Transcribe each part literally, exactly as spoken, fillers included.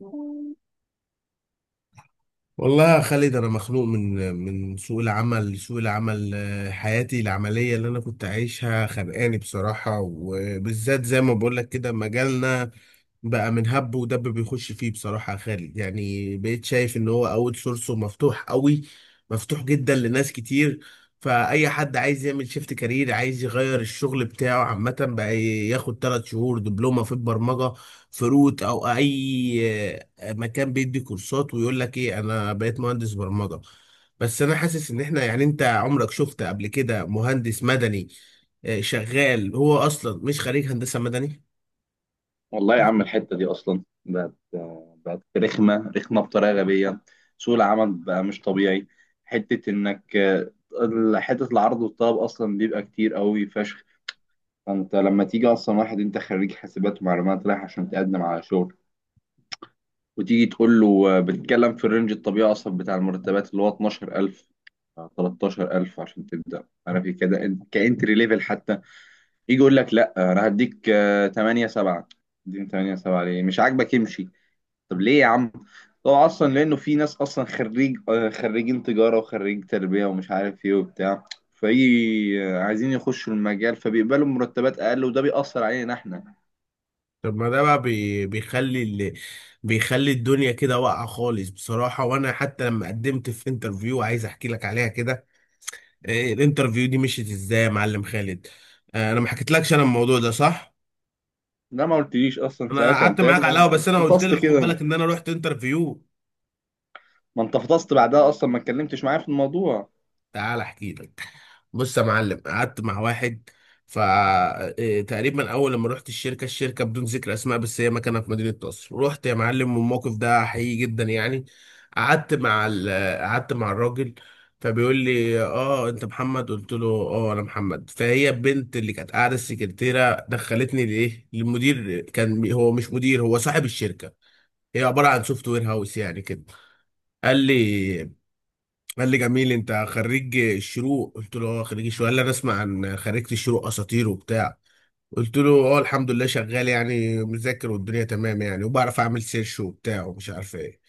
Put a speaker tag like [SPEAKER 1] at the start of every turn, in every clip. [SPEAKER 1] والله يا خالد انا مخنوق من من سوق العمل. سوق العمل آه، حياتي العمليه اللي انا كنت عايشها خانقاني بصراحه، وبالذات زي ما بقول لك كده مجالنا بقى من هب ودب بيخش فيه بصراحه يا خالد. يعني بقيت شايف ان هو اوت سورسه مفتوح قوي، مفتوح جدا لناس كتير. فاي حد عايز يعمل شيفت كارير، عايز يغير الشغل بتاعه عامه، بقى ياخد ثلاث شهور دبلومه في البرمجه في روت او اي مكان بيدي كورسات، ويقول لك ايه، انا بقيت مهندس برمجة. بس انا حاسس ان احنا يعني انت عمرك شفت قبل كده مهندس مدني، آه، شغال هو اصلا مش خريج هندسة مدني؟
[SPEAKER 2] والله يا عم، الحتة دي أصلا بقت بقت رخمة رخمة بطريقة غبية. سوق العمل بقى مش طبيعي. حتة إنك حتة العرض والطلب أصلا بيبقى كتير قوي فشخ. فأنت لما تيجي أصلا، واحد أنت خريج حاسبات ومعلومات رايح عشان تقدم على شغل، وتيجي تقول له، بتتكلم في الرينج الطبيعي أصلا بتاع المرتبات اللي هو اتناشر ألف تلتاشر ألف عشان تبدأ، عارف إيه كده، كإنتري ليفل حتى. يجي يقول لك: لا، أنا هديك آه، تمانية سبعة. دي تمانية سبعة ليه؟ مش عاجبك امشي. طب ليه يا عم؟ هو اصلا لانه في ناس اصلا خريج آه، خريجين تجاره وخريج تربيه ومش عارف ايه وبتاع، فايه، آه، عايزين يخشوا المجال، فبيقبلوا مرتبات اقل، وده بيأثر علينا احنا.
[SPEAKER 1] طب ما ده بقى بي- بيخلي ال... بيخلي الدنيا كده واقعة خالص بصراحة. وانا حتى لما قدمت في انترفيو عايز احكي لك عليها كده. آه، الانترفيو دي مشيت ازاي يا معلم خالد؟ آه، انا ما حكيتلكش انا الموضوع ده، صح،
[SPEAKER 2] ده ما قلتليش اصلا
[SPEAKER 1] انا
[SPEAKER 2] ساعتها
[SPEAKER 1] قعدت
[SPEAKER 2] انت يا
[SPEAKER 1] معاك على
[SPEAKER 2] ابني،
[SPEAKER 1] القهوة بس انا قلت
[SPEAKER 2] فطست
[SPEAKER 1] لك خد
[SPEAKER 2] كده.
[SPEAKER 1] بالك ان انا رحت انترفيو.
[SPEAKER 2] ما انت فطست بعدها، اصلا ما اتكلمتش معايا في الموضوع.
[SPEAKER 1] تعال احكي لك. بص يا معلم، قعدت مع واحد. فتقريبا اول لما رحت الشركه، الشركه بدون ذكر اسماء، بس هي مكانها في مدينه نصر. رحت يا معلم، والموقف ده حقيقي جدا يعني. قعدت مع ال... قعدت مع الراجل، فبيقول لي اه انت محمد، قلت له اه انا محمد. فهي البنت اللي كانت قاعده السكرتيره دخلتني لايه للمدير، كان هو مش مدير، هو صاحب الشركه. هي عباره عن سوفت وير هاوس يعني كده. قال لي قال لي جميل، انت خريج الشروق؟ قلت له اه خريج الشروق. قال لي انا اسمع عن خريجة الشروق اساطير وبتاع. قلت له اه، الحمد لله شغال يعني، مذاكر والدنيا تمام يعني، وبعرف اعمل سيرش وبتاع ومش عارف ايه.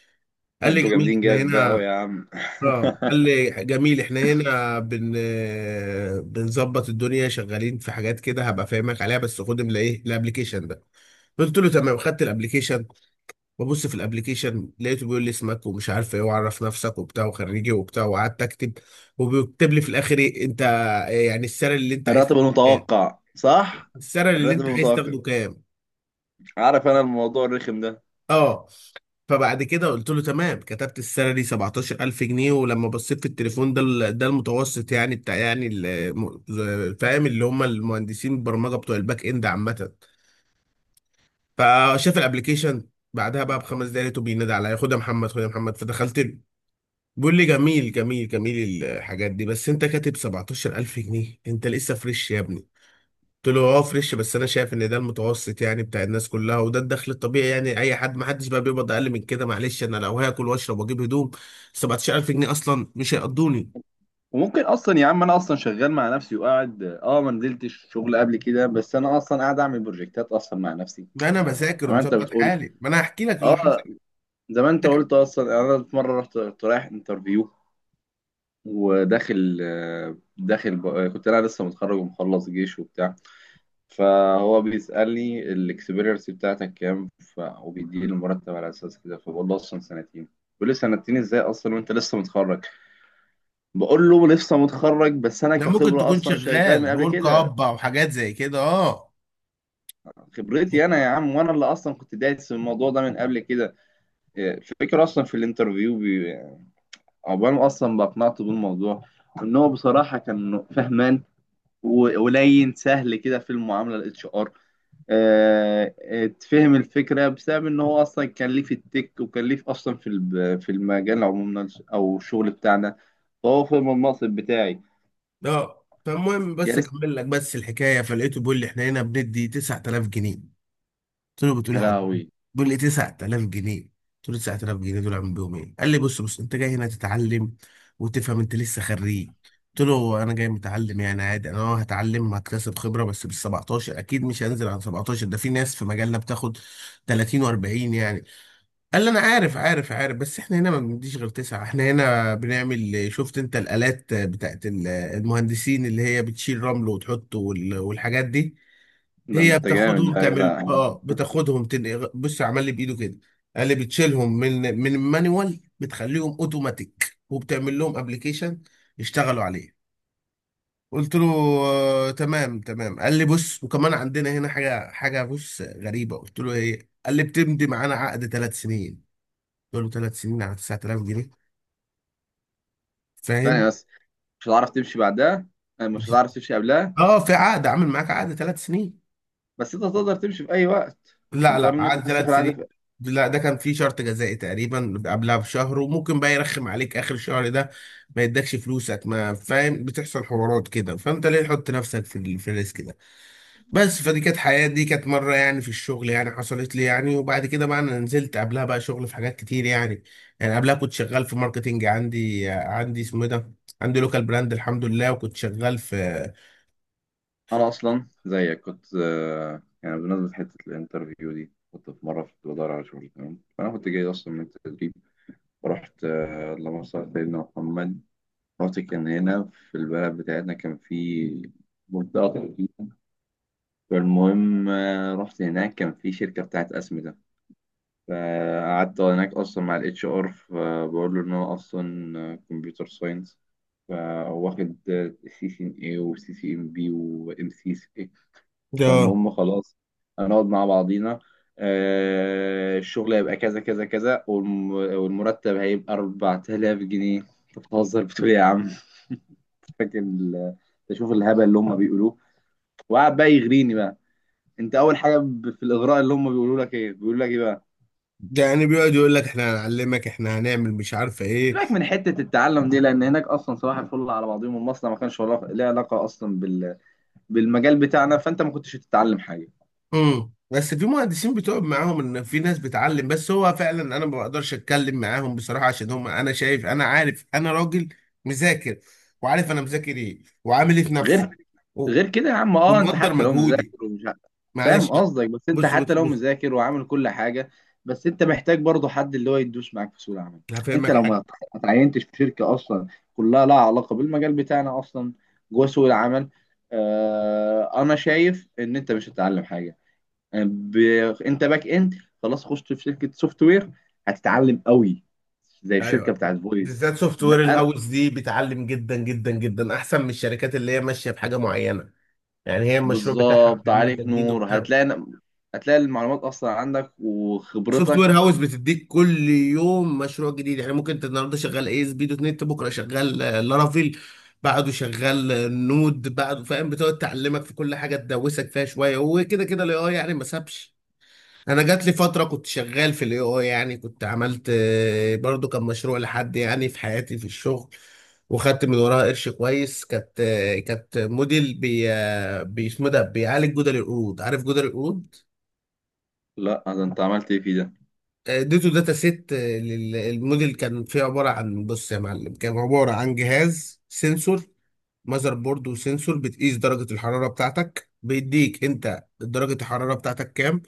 [SPEAKER 2] ده
[SPEAKER 1] قال لي
[SPEAKER 2] انتوا
[SPEAKER 1] جميل
[SPEAKER 2] جامدين
[SPEAKER 1] احنا
[SPEAKER 2] جامد بقى أوي
[SPEAKER 1] هنا.
[SPEAKER 2] يا عم.
[SPEAKER 1] اه قال لي جميل احنا هنا بن آه، بنظبط الدنيا، شغالين في حاجات كده هبقى فاهمك عليها، بس خد من ايه الابلكيشن ده. قلت له تمام، خدت الابلكيشن. ببص في الابليكيشن، لقيته بيقول لي اسمك ومش عارف ايه، وعرف نفسك وبتاع، وخريجي وبتاع. وقعدت اكتب. وبيكتب لي في الاخر ايه، انت يعني السعر اللي انت عايز
[SPEAKER 2] الراتب
[SPEAKER 1] تاخده كام،
[SPEAKER 2] المتوقع صح؟
[SPEAKER 1] السعر اللي
[SPEAKER 2] الراتب
[SPEAKER 1] انت عايز
[SPEAKER 2] المتوقع.
[SPEAKER 1] تاخده كام.
[SPEAKER 2] عارف انا الموضوع الرخم ده.
[SPEAKER 1] اه فبعد كده قلت له تمام، كتبت السالري سبعتاشر الف جنيه، ولما بصيت في التليفون ده ال- ده المتوسط يعني بتاع يعني ال- فاهم، اللي هم المهندسين البرمجه بتوع الباك اند عامه. فشاف الابليكيشن بعدها بقى بخمس دقايق، لقيته بينادي عليا، خد يا محمد خد يا محمد. فدخلت له، بيقول لي جميل جميل جميل الحاجات دي، بس انت كاتب سبعتاشر الف جنيه، انت لسه فريش يا ابني. قلت له اه فريش، بس انا شايف ان ده المتوسط يعني بتاع الناس كلها، وده الدخل الطبيعي يعني، اي حد، ما حدش بقى بيقبض اقل من كده، معلش، انا لو هاكل واشرب واجيب هدوم سبعة عشر الف جنيه اصلا مش هيقضوني.
[SPEAKER 2] وممكن اصلا يا عم، انا اصلا شغال مع نفسي، وقاعد اه ما نزلتش شغل قبل كده، بس انا اصلا قاعد اعمل بروجكتات اصلا مع نفسي.
[SPEAKER 1] ده انا
[SPEAKER 2] يعني
[SPEAKER 1] بذاكر
[SPEAKER 2] زي ما انت
[SPEAKER 1] ومظبط
[SPEAKER 2] بتقول.
[SPEAKER 1] حالي، ما انا هحكي لك اللي حصل.
[SPEAKER 2] اه زي ما انت قلت اصلا، يعني انا في مره رحت، كنت رايح انترفيو، وداخل آه، داخل ب... آه، كنت انا لسه متخرج ومخلص جيش وبتاع. فهو بيسالني الاكسبيرينس بتاعتك كام، ف... وبيديني المرتب على اساس كده، فبقول له اصلا سنتين. بيقول لي سنتين ازاي اصلا وانت لسه متخرج؟ بقول له لسه متخرج، بس انا
[SPEAKER 1] ده ممكن
[SPEAKER 2] كخبره
[SPEAKER 1] تكون
[SPEAKER 2] اصلا شغال من
[SPEAKER 1] شغال
[SPEAKER 2] قبل
[SPEAKER 1] ورك
[SPEAKER 2] كده.
[SPEAKER 1] اب او حاجات زي كده، اه.
[SPEAKER 2] خبرتي انا يا عم، وانا اللي اصلا كنت دايس في الموضوع ده من قبل كده. إيه، الفكره اصلا في الانترفيو بي- عقبال ما اصلا بقنعته بالموضوع، ان هو بصراحه كان فهمان و- ولين سهل كده في المعامله، الاتش ار تفهم الفكره بسبب ان هو اصلا كان ليه في التك، وكان ليه في- اصلا في الب- في المجال عموما، او الشغل بتاعنا. فهو فهم المنصب بتاعي.
[SPEAKER 1] اه فالمهم
[SPEAKER 2] يا
[SPEAKER 1] بس
[SPEAKER 2] ريت.
[SPEAKER 1] اكمل لك بس الحكايه. فلقيته بيقول لي احنا هنا بندي تسعة الاف جنيه. قلت له
[SPEAKER 2] يا
[SPEAKER 1] بتقولي حضرتك؟
[SPEAKER 2] لهوي.
[SPEAKER 1] بيقول لي تسعة الاف جنيه. قلت له تسعة الاف جنيه دول اعمل بيهم ايه؟ قال لي بص بص، انت جاي هنا تتعلم وتفهم، انت لسه خريج. قلت له انا جاي متعلم يعني عادي، انا اه هتعلم هكتسب خبره، بس بال سبعتاشر اكيد، مش هنزل على سبعتاشر، ده في ناس في مجالنا بتاخد تلاتين واربعين يعني. قال لي انا عارف عارف عارف، بس احنا هنا ما بنديش غير تسعه. احنا هنا بنعمل شفت، انت الالات بتاعت ال- المهندسين اللي هي بتشيل رمل وتحطه وال- والحاجات دي،
[SPEAKER 2] ده
[SPEAKER 1] هي
[SPEAKER 2] انت جامد
[SPEAKER 1] بتاخدهم
[SPEAKER 2] بقى يا
[SPEAKER 1] تعمل
[SPEAKER 2] جدع.
[SPEAKER 1] اه، بتاخدهم تنقل، بص عمل لي بايده كده. قال لي بتشيلهم من من المانيوال، بتخليهم اوتوماتيك، وبتعمل لهم ابلكيشن يشتغلوا عليه. قلت له آه تمام تمام. قال لي بص، وكمان عندنا هنا حاجه حاجه بص غريبه. قلت له ايه؟ قال لي بتمضي معانا عقد ثلاث سنين. قلت له ثلاث سنين على تسعة الاف جنيه؟
[SPEAKER 2] ثانيه
[SPEAKER 1] فاهم،
[SPEAKER 2] بس، مش هتعرف تمشي بعدها. آه، مش هتعرف تمشي قبلها.
[SPEAKER 1] اه، في عقد عامل معاك عقد ثلاث سنين.
[SPEAKER 2] بس انت تقدر تمشي في اي وقت.
[SPEAKER 1] لا
[SPEAKER 2] هنضطر
[SPEAKER 1] لا
[SPEAKER 2] ان انت
[SPEAKER 1] قعد
[SPEAKER 2] تفسخ
[SPEAKER 1] ثلاث
[SPEAKER 2] العاده
[SPEAKER 1] سنين
[SPEAKER 2] في...
[SPEAKER 1] لا ده كان فيه شرط جزائي تقريبا قبلها بشهر، وممكن بقى يرخم عليك اخر الشهر ده، ما يدكش فلوسك، ما فاهم، بتحصل حوارات كده. فانت ليه تحط نفسك في ال- في الريسك ده؟ بس فدي كانت حياتي، دي كانت مره يعني في الشغل يعني، حصلت لي يعني. وبعد كده بقى انا نزلت قبلها بقى شغل في حاجات كتير يعني. يعني قبلها كنت شغال في ماركتينج، عندي عندي اسمه إيه ده، عندي لوكال براند الحمد لله، وكنت شغال في
[SPEAKER 2] انا اصلا زيك كنت، آه، يعني بمناسبه حته الانترفيو دي، كنت في مره كنت بدور على شغل تمام. فانا كنت جاي اصلا من التدريب ورحت، آه، اللهم صل على سيدنا محمد. رحت، كان هنا في البلد بتاعتنا، كان في منطقه تدريب. فالمهم آه، رحت هناك، كان في شركه بتاعت اسمده. فقعدت هناك اصلا مع الاتش ار، فبقول له ان انا اصلا كمبيوتر ساينس، فهو واخد سي سي ان اي وسي سي ام بي وام سي سي.
[SPEAKER 1] اه.
[SPEAKER 2] فالمهم خلاص، هنقعد مع بعضينا. آه، الشغل هيبقى كذا كذا كذا، والم- والمرتب هيبقى أربعة آلاف جنيه. انت بتهزر، بتقول إيه يا عم؟ فاكر ال- تشوف الهبل اللي هم بيقولوه. وقعد بقى يغريني بقى. انت اول حاجه ب- في الاغراء اللي هم بيقولوا لك ايه، بيقولوا لك ايه بقى؟
[SPEAKER 1] يعني بيقعد يقول لك احنا هنعلمك، احنا هنعمل مش عارفه ايه.
[SPEAKER 2] سيبك من حتة التعلم دي، لأن هناك أصلا صباح الفل على بعضهم، المصنع ما كانش ولا- ليه علاقة أصلا بال... بالمجال بتاعنا، فأنت ما كنتش هتتعلم حاجة
[SPEAKER 1] امم بس في مهندسين بتقعد معاهم ان في ناس بتعلم، بس هو فعلا انا ما بقدرش اتكلم معاهم بصراحه، عشان هم، انا شايف، انا عارف، انا راجل مذاكر وعارف انا مذاكر ايه، وعامل ايه في نفسي.
[SPEAKER 2] غير
[SPEAKER 1] و-
[SPEAKER 2] غير كده يا عم. أه أنت
[SPEAKER 1] ومقدر
[SPEAKER 2] حتى لو
[SPEAKER 1] مجهودي،
[SPEAKER 2] مذاكر ومش ع- فاهم
[SPEAKER 1] معلش بقى.
[SPEAKER 2] قصدك، بس أنت
[SPEAKER 1] بص
[SPEAKER 2] حتى
[SPEAKER 1] بص
[SPEAKER 2] لو
[SPEAKER 1] بص
[SPEAKER 2] مذاكر وعامل كل حاجة، بس أنت محتاج برضه حد اللي هو يدوس معاك في سوق العمل. أنت
[SPEAKER 1] هفهمك
[SPEAKER 2] لو ما
[SPEAKER 1] حاجه.
[SPEAKER 2] ما اتعينتش في شركة أصلا كلها لها علاقة بالمجال بتاعنا أصلا، جوه سوق العمل، آه... أنا شايف إن أنت مش هتتعلم حاجة. ب... انت باك اند، خلاص خشت في شركه سوفت وير هتتعلم قوي، زي الشركه
[SPEAKER 1] ايوه،
[SPEAKER 2] بتاعت فويس.
[SPEAKER 1] بالذات سوفت وير
[SPEAKER 2] لا، انا
[SPEAKER 1] الهاوس دي بتعلم جدا جدا جدا احسن من الشركات اللي هي ماشيه بحاجه معينه. يعني هي المشروع بتاعها
[SPEAKER 2] بالظبط
[SPEAKER 1] بتعمل له
[SPEAKER 2] عليك
[SPEAKER 1] تجديد
[SPEAKER 2] نور.
[SPEAKER 1] وبتاع.
[SPEAKER 2] هتلاقي هتلاقي المعلومات اصلا عندك
[SPEAKER 1] سوفت
[SPEAKER 2] وخبرتك.
[SPEAKER 1] وير هاوس بتديك كل يوم مشروع جديد، يعني ممكن انت النهارده شغال اي اس بي دوت نت، بكره شغال آه، لارافيل، بعده شغال آه، نود، بعده، فاهم، بتقعد تعلمك في كل حاجه تدوسك فيها شويه. وكده كده الاي اي يعني ما سابش. انا جات لي فتره كنت شغال في الاي اي يعني، كنت عملت آه، برضو كان مشروع لحد يعني في حياتي في الشغل، وخدت من وراها قرش كويس. كانت آه، كانت موديل بي آه، بي اسمه ده، بيعالج جدر القرود. عارف جدر القرود؟
[SPEAKER 2] لا، ده انت عملت ايه فيه ده؟
[SPEAKER 1] اديته داتا سيت للموديل، كان فيه عباره عن، بص يا معلم، كان عباره عن جهاز سنسور، ماذر بورد وسنسور بتقيس درجه الحراره بتاعتك، بيديك انت درجه الحراره بتاعتك كام.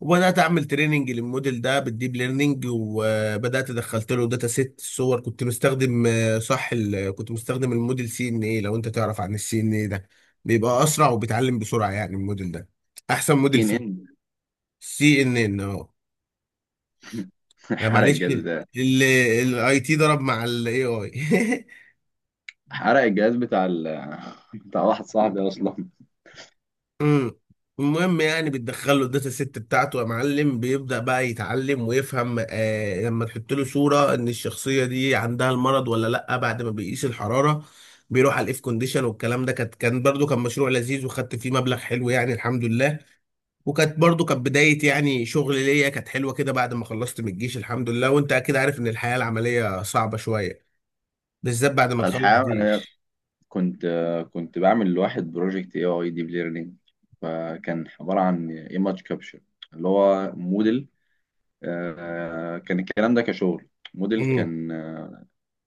[SPEAKER 1] وبدات اعمل تريننج للموديل ده بالديب ليرنينج. وبدات دخلت له داتا سيت صور، كنت مستخدم آه، صح ال- كنت مستخدم الموديل سي ان اي. لو انت تعرف عن السي ان اي ده، بيبقى اسرع وبيتعلم بسرعه يعني الموديل ده، احسن موديل
[SPEAKER 2] تين
[SPEAKER 1] فيه.
[SPEAKER 2] ان.
[SPEAKER 1] سي ان ان. آه،
[SPEAKER 2] حرق
[SPEAKER 1] معلش،
[SPEAKER 2] الجهاز بتاعي.
[SPEAKER 1] الاي تي ضرب مع الاي اي
[SPEAKER 2] حرق الجهاز بتاع ال... بتاع واحد صاحبي اصلا.
[SPEAKER 1] امم المهم، يعني بتدخل له الداتا سيت بتاعته يا معلم، بيبدأ بقى يتعلم ويفهم آه، لما تحط له صورة ان الشخصية دي عندها المرض ولا لا بعد ما بيقيس الحرارة. بيروح على الاف كونديشن والكلام ده. كانت، كان برضو كان مشروع لذيذ وخدت فيه مبلغ حلو يعني، الحمد لله. وكانت برضو كانت بداية يعني شغل ليا، كانت حلوة كده بعد ما خلصت من الجيش، الحمد لله. وانت اكيد عارف ان الحياة العملية صعبة شوية، بالذات بعد ما تخلص
[SPEAKER 2] الحقيقه انا
[SPEAKER 1] جيش.
[SPEAKER 2] كنت كنت بعمل لواحد بروجكت اي اي ديب ليرنينج، فكان عباره عن ايماج كابشر، اللي هو موديل. آه، كان الكلام ده كشغل. موديل كان، آه،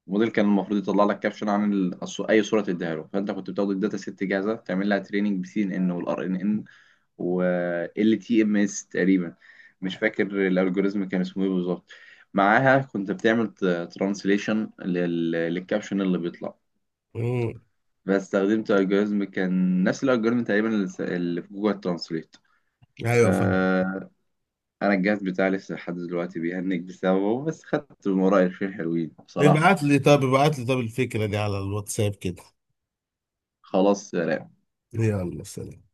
[SPEAKER 2] موديل كان المفروض يطلع لك كابشن عن ال- الص- اي صوره تديها له. فانت كنت بتاخد الداتا ست جاهزه، تعمل لها تريننج بسي ان ان والار ان ان وال تي ام اس تقريبا، مش فاكر الالجوريزم كان اسمه ايه بالظبط. معاها كنت بتعمل ترانسليشن للكابشن اللي بيطلع.
[SPEAKER 1] امم،
[SPEAKER 2] فاستخدمت الجوريزم، كان نفس الالجوريزم تقريبا اللي س- اللي في جوجل ترانسليت.
[SPEAKER 1] ايوه فاهم.
[SPEAKER 2] انا الجهاز بتاعي لسه لحد دلوقتي بيهنج بسببه، بس خدت من ورايا شويه حلوين بصراحه.
[SPEAKER 1] ابعت لي طب ابعت لي طب الفكرة دي على الواتساب كده.
[SPEAKER 2] خلاص.
[SPEAKER 1] يلا سلام.